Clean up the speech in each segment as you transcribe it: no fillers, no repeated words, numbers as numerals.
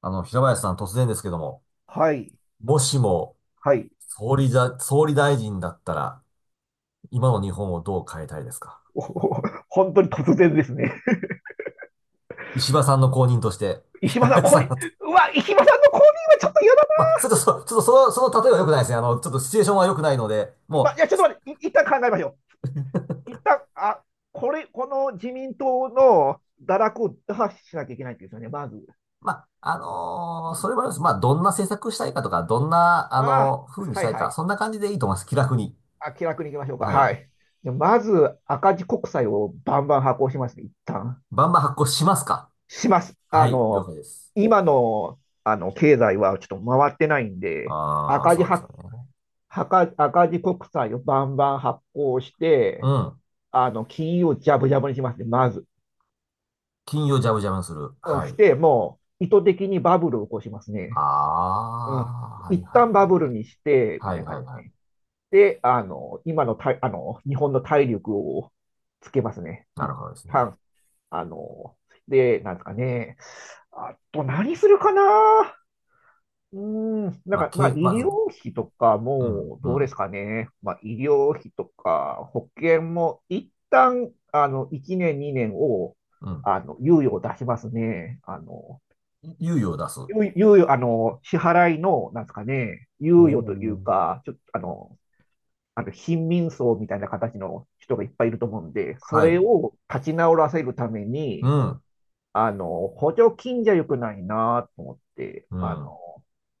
平林さん、突然ですけども、はい。もしも、はい。総理大臣だったら、今の日本をどう変えたいですか？おお、本当に突然ですね。石破さんの後任として、石平破さん、林降さん臨、がって、うわ、石破さんの降臨はちょっと嫌だ。まあ、ちょっとそ、ちょっとその、その例えは良くないですね。ちょっとシチュエーションは良くないので、まいもう、や、ちょっと待って、一旦考えましょう。一旦、この自民党の堕落を打破しなきゃいけないんですよね、まず。まあ、うそん。れもあります。まあ、どんな政策したいかとか、どんな、ああ、風にしはいたいはか、い。そんな感じでいいと思います。気楽に。気楽に行きましょうか。はい。はい。で、まず、赤字国債をバンバン発行しますね、一旦。バンバン発行しますか？します。はい、了解です。今の、経済はちょっと回ってないんで、ああ、赤字そうですよ発ね。赤字国債をバンバン発行しうて、ん。金融をジャブジャブにしますね、まず。金融ジャブジャブにする。うん、はしい。て、もう、意図的にバブルを起こしますあね。うん。あ、はい一はい旦バはいブはルい。にして、みはたいいな感はいじですはね。い。で、あの、今のた、あの、日本の体力をつけますね。な一るほどですね。旦、あの、で、なんですかね。あと、何するかな。うなんか、まあ、医まず、療費とかうん、も、うどうでん、すかね。まあ、医療費とか、保険も、一旦、1年、2年を、うん。猶予を出しますね。あの、猶予を出す。猶猶予、あの、支払いの、なんですかね、お猶予というー。か、ちょっと、貧民層みたいな形の人がいっぱいいると思うんで、そはれい。を立ち直らせるためうに、ん、補助金じゃ良くないなと思って、うん。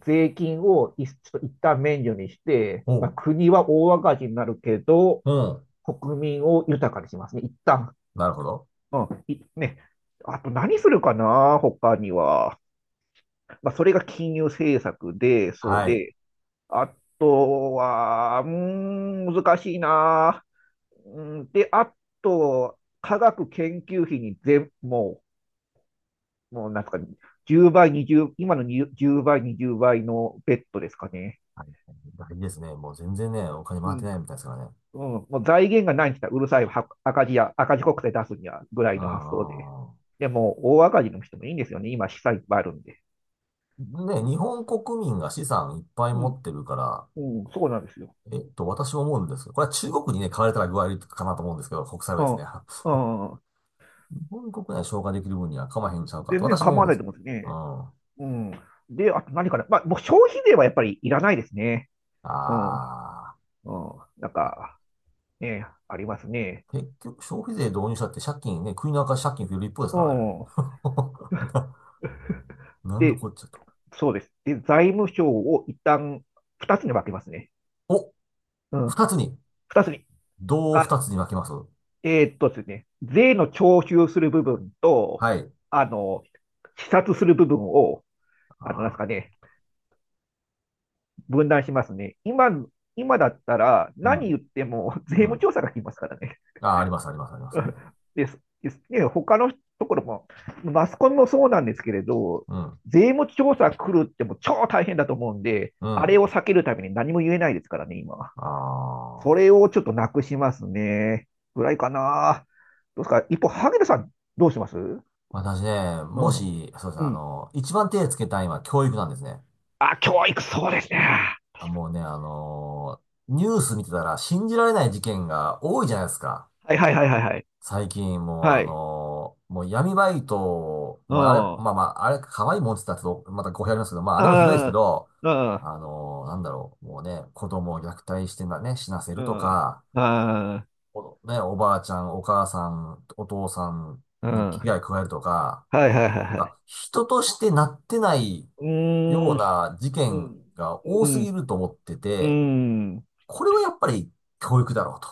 税金をちょっと一旦免除にして、おまあ、う、国は大赤字になるけど、うん。国民を豊かにしますね、一旦。なるほど。うん、いね。あと何するかな、他には。まあ、それが金融政策で、そうはい。で、あとは、難しいな。うん、で、あと、科学研究費にもうなんか、10倍、20、今の10倍、20倍のベッドですかね。はい。大事ですね。もう全然ね、お金う回ってん。ないみたいですからね。うん、もう財源がないんですよ。うるさいは赤字や、赤字国債出すにはぐらういの発想で。ん。でも、大赤字の人もいいんですよね。今、資産いっぱいあるんで。ね、うん、日本国民が資産いっぱいう持ん、ってるから、うん、そうなんですよ。えっと、私も思うんですけど、これは中国にね、買われたら具合悪いかなと思うんですけど、国債はですね。うん、うん。日本国内消化できる分には構へんちゃうかと全然私も思構うんわでないすとけど。思うんですね。うん。うん。で、あと何かな。まあ、もう消費税はやっぱりいらないですね。うん、うん。あなんーあ。か、ね、ありますね。結局消費税導入したって借金ね、国の赤字借金増える一方ですうからね。ん。な、なんので、こっちゃと。そうです。で、財務省を一旦二つに分けますね。お、うん。二つに。二つに。どうあ、二つに分けます？ですね、税の徴収する部分と、はい。あの、視察する部分を、あなんですかね、分断しますね。今だったらー、う何言っても税ん、う務ん。調査が来ますからね。あー、あります、あります、あります。は い。ですね、他のところも、マスコミもそうなんですけれど、うん、税務調査来るってもう超大変だと思うんで、うあれん。を避けるために何も言えないですからね、今。あそれあ。をちょっとなくしますね。ぐらいかな。どうですか一方、萩野さん、どうします？うん。私ね、もし、そうですね、うあん。の、一番手つけたいのは教育なんですね。教育、そうですね。あ、もうね、ニュース見てたら信じられない事件が多いじゃないですか。はいはいはいはいはい。最近、もうはあい。のーもう闇バイト、うもうあれ、ん。あまあまあ、あれ、可愛いもんって言ったらちょっと、また語弊ありますけど、まあ、あれもひどいですけあ、ど、うん。なんだろう、もうね、子供を虐待して、死なせるうとん。あか、あ、おね、おばあちゃん、お母さん、お父さんうん。に危は害加えるとか、いはいはいなんはい。か、人としてなってないうようーん、な事う件ん、が多うすぎん、ると思ってうて、ん、うん。これはやっぱり教育だろうと。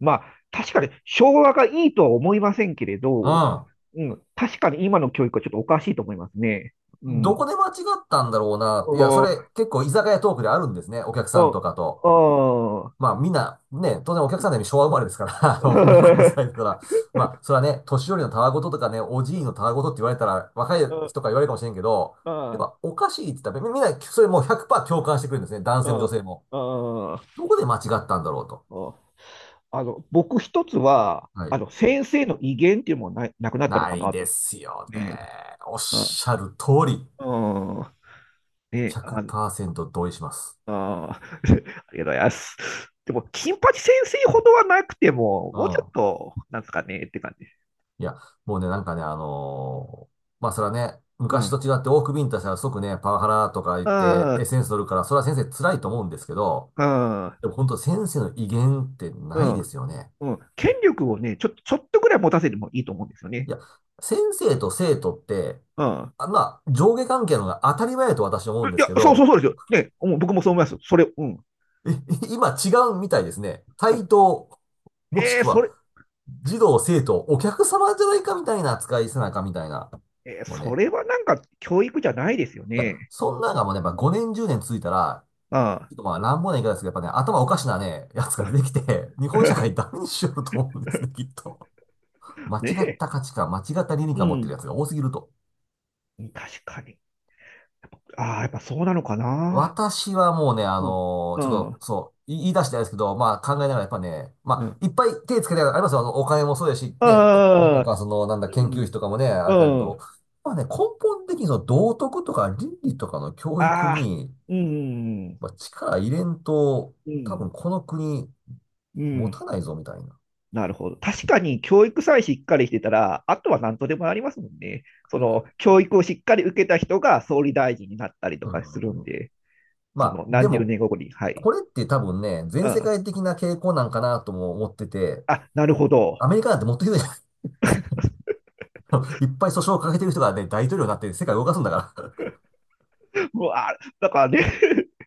まあ、確かに昭和がいいとは思いませんけれど、あうん、確かに今の教育はちょっとおかしいと思いますね。うどこん。で間違ったんだろうな。いや、それ結構居酒屋トークであるんですね。お客さんとお、かと。おー。まあみんな、ね、当然お客さんで昭和生まれですから、あの、僕の世代だ から、まあそれはね、年寄りのたわごととかね、おじいのたわごとって言われたら若いうん人から言われるかもしれんけど、うやっんぱおかしいって言ったらみみんなそれもう100%共感してくれるんですね。男う性もん女性も。うんどこで間違ったんだろうと。うん、僕一つは、はい。先生の威厳っていうのもな、なくなったのなかいなでとすよね。思って。おっうん。しゃる通り、うんね、100%同意します。あ、ありがとうございます。でも、金八先生ほどはなくても、うもうちょっん。と、なんですかね、って感じ。いや、もうね、なんかね、あのーまあ、それはね、う昔とん。違って多くビンタしたら即ね、パワハラとか言って、エッあセンス取るから、それは先生辛いと思うんですけど、あ、でも本当先生の威厳ってうないん、ですよね。うん、うん。権力をね、ちょっとぐらい持たせてもいいと思うんですよいね。や、先生と生徒って、うん。まあ、上下関係の方が当たり前だと私は思うんでいすや、けそうそうど、そうですよ。ね、もう僕もそう思います。それ、うん。え今違うみたいですね。だ対か等、らもしくは、児童、生徒、お客様じゃないかみたいな扱いせなあかんみたいな。もうそね。れはなんか教育じゃないですよいや、ね。そんなのがもうね、やっぱ5年、10年続いたら、ああ。ちょっとまあ乱暴な言い方ですけど、やっぱね、頭おかしなね、やつが出てきて、日本社会 ダメにしようと思うんですね、きっと。間違ねっえ。た価値観、間違った倫理う観持ってるやん。つが多すぎると。確かに。ああ、やっぱそうなのかな。私はもうね、うん。うちょっと、ん。そう、言い出していですけど、まあ考えながらやっぱね、うまん。あ、いっぱい手つけてありますよ。あの、お金もそうですし、ね、国会とああ。か、その、なんだ、う研究費ん。とかもね、あれだけうど、ん。まあね、根本的にその道徳とか倫理とかの教育ああ。に、うん。まあ、力入れんと、う多分ん。この国う持ん。たないぞ、みたいな。なるほど。確かに教育さえしっかりしてたら、あとは何とでもなりますもんね。その、教育をしっかり受けた人が総理大臣になったりとうかするんん。で。まそあ、ので何十も、年後に、はい。これって多分ね、う全世ん。界的な傾向なんかなとも思ってて、なるほど。アメリカなんてもっとひどいじゃない。 いっぱい訴訟をかけてる人がね、大統領になって世界を動かすんだから。 うわ、だからね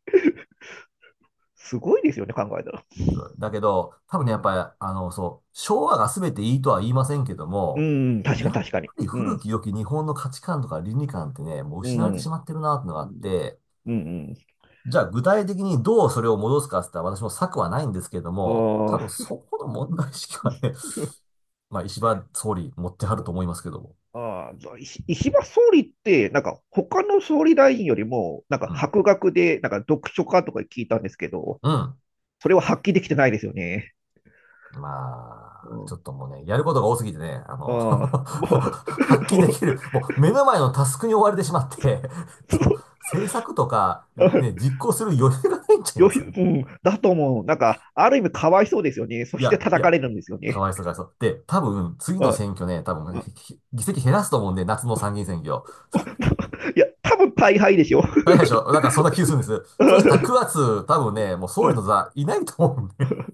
すごいですよね、考えたら。だけど、多う分ね、やっん。ぱり、あの、そう、昭和が全ていいとは言いませんけどうも、ん、確かにやっ確かに。ぱりう古ん、き良き日本の価値観とか倫理観ってね、もうう失われん、てうしん、まってるなってのがあって、うん。じゃあ具体的にどうそれを戻すかって言ったら私も策はないんですけれども、多あ 分そこの問題意識はね、まあ石破総理持ってはると思いますけども。石破総理って、なんか他の総理大臣よりも、なんかうん。博学で、なんか読書家とか聞いたんですけど、うん。それは発揮できてないですよね。うまあ、ちょん、っともうね、やることが多すぎてね、ああの あ、もう、発揮もでう、きる、もう目の前のタスクに追われてしまって、そうその政策とかあね、実行する余裕がないんちゃいよますひ、かね。うん、だと思う。なんか、ある意味かわいそうですよね。そいしてや、い叩や、かれるんですよかね。わいそうかわいそう。で、多分次のはい。選挙ね、多分議席減らすと思うんで、夏の参議院選挙。いや、多分大敗でしょ。大変でしょ。なんかそんな気がするんです。そうしたら 9月、多分ね、もう総う理のん。座いないと思うんで。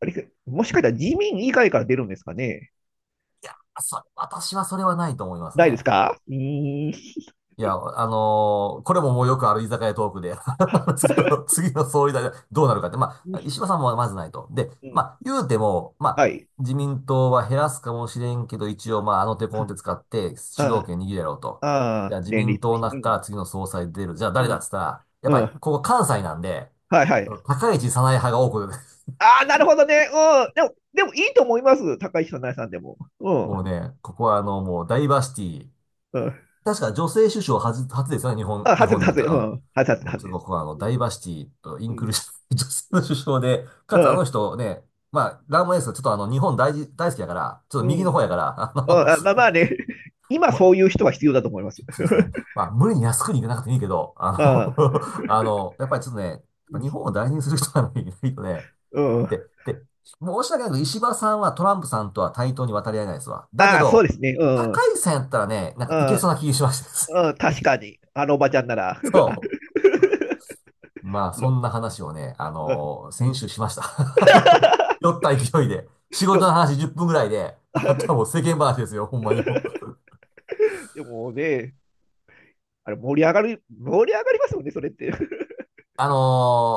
あれ、もしかしたら自民以外から出るんですかね？ いや、それ、私はそれはないと思いますないでね。すか？うーん。いや、これももうよくある居酒屋トークで、は、次の総理大臣どうなるかって、まあ、石破さんもまずないと。で、うまん。あ、言うても、まはあ、い。自民党は減らすかもしれんけど、一応、まあ、あの手この手使って主導あ権握るやろうと。じあ、ゃあ、自連民党立のして。中うからん。次の総裁出る。じゃあ、う誰だっん。つったら、やっうぱり、ん。ここ関西なんで、はいはい。高市早苗派が多く、ああ、なるほどね。うん。でも、いいと思います。高市さん、奈良さんでも。うもうん。ね、ここはあの、もうダイバーシティ。うん。確か女性首相初ですよね、日外本れ、におい外てれ。うは。ん。外れ、うん。もう外れちょっでとす。ここはあの、うダイん。バーシティとイうンクん。ルーシブ、女性の首相で、かうつあのん。人ね、まあ、ラーマエース、ちょっとあの、日本大事、大好きだから、ちょっうとん。う右の方ん、やから、あの、まあまあ ね、今まあ、そういう人は必要だと思います。そうですね。まあ、無理に安くに行かなくてもいいけど、あの あ あの、やっぱりちょっとね、ぱ日本を大事にする人がいないとね、うん。で、で、申し訳ないけど、石破さんはトランプさんとは対等に渡り合えないですわ。だけああ、そうど、ですね。う高ん。市さんやったらね、なんうかいけそん。うな気がしました。うん。確かに。あのおばちゃんなら。あそう。まあ、あの、そんな話をね、うん。先週しました。あの酔った勢いで。仕で事も、の話10分ぐらいで、あ とはもう世間話ですよ、ほんまにもう。でもね、盛り上がる、盛り上がりますよね、それって。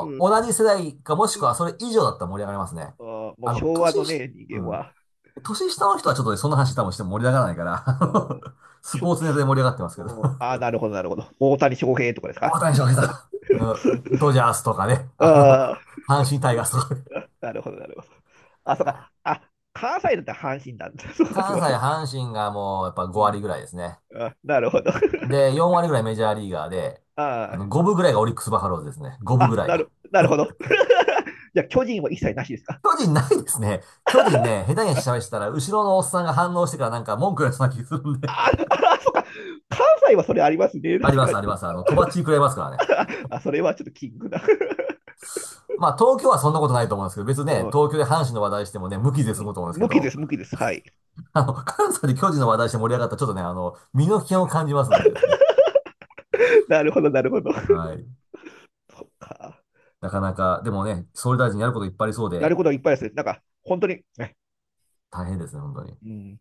うん。同じ世代かもしうくはん。それ以上だったら盛り上がりますね。もあうの、昭年和のし、ね、う人間ん。は。年下の人はちょっとね、そんな話多分しても盛り上がらないから、あん スしポょーツネタで盛り上がってますうけど。ん、ああ、なるほど、なるほど。大谷翔平とかです大か？ 谷翔 平今ね。さん、うん、ドジャースとかね。あの、あ阪神タイガースとかね。いなるほど、なるほど。そうや、か。関西だったら阪神なんだ。そうか、そ関う西か。阪神がもうやっぱう5ん。割ぐらいですね。なるほど。で、4割ぐらいメジャーリーガーで、ああーの、5分ぐらいがオリックスバファローズですね。5分ぐあ、らいなが。る、なるほど。じゃあ、巨人は一切なしですか？巨人ないですね。巨人ね、下手に喋したら、後ろのおっさんが反応してからなんか文句言われそうな気がするんで。 あ あ、そっか。関西はそれありますね。あり確まかす、ありまに。す。あの、とばっちり食らいますからね。それはちょっとキングだ。まあ、東京はそんなことないと思うんですけど、別にうね、ん。東京で阪神の話題してもね、無傷で済むと思うんですけ無きでど、す、無きです。はい。あの、関西で巨人の話題して盛り上がったら、ちょっとね、あの、身の危険を感じますんでですね。なるほど、なるほど。はい。そっか。なでかも、なか、でもね、総理大臣やることいっぱいありそうやで、ることはいっぱいですね。なんか、本当に、ね、大変ですね、本当に。うん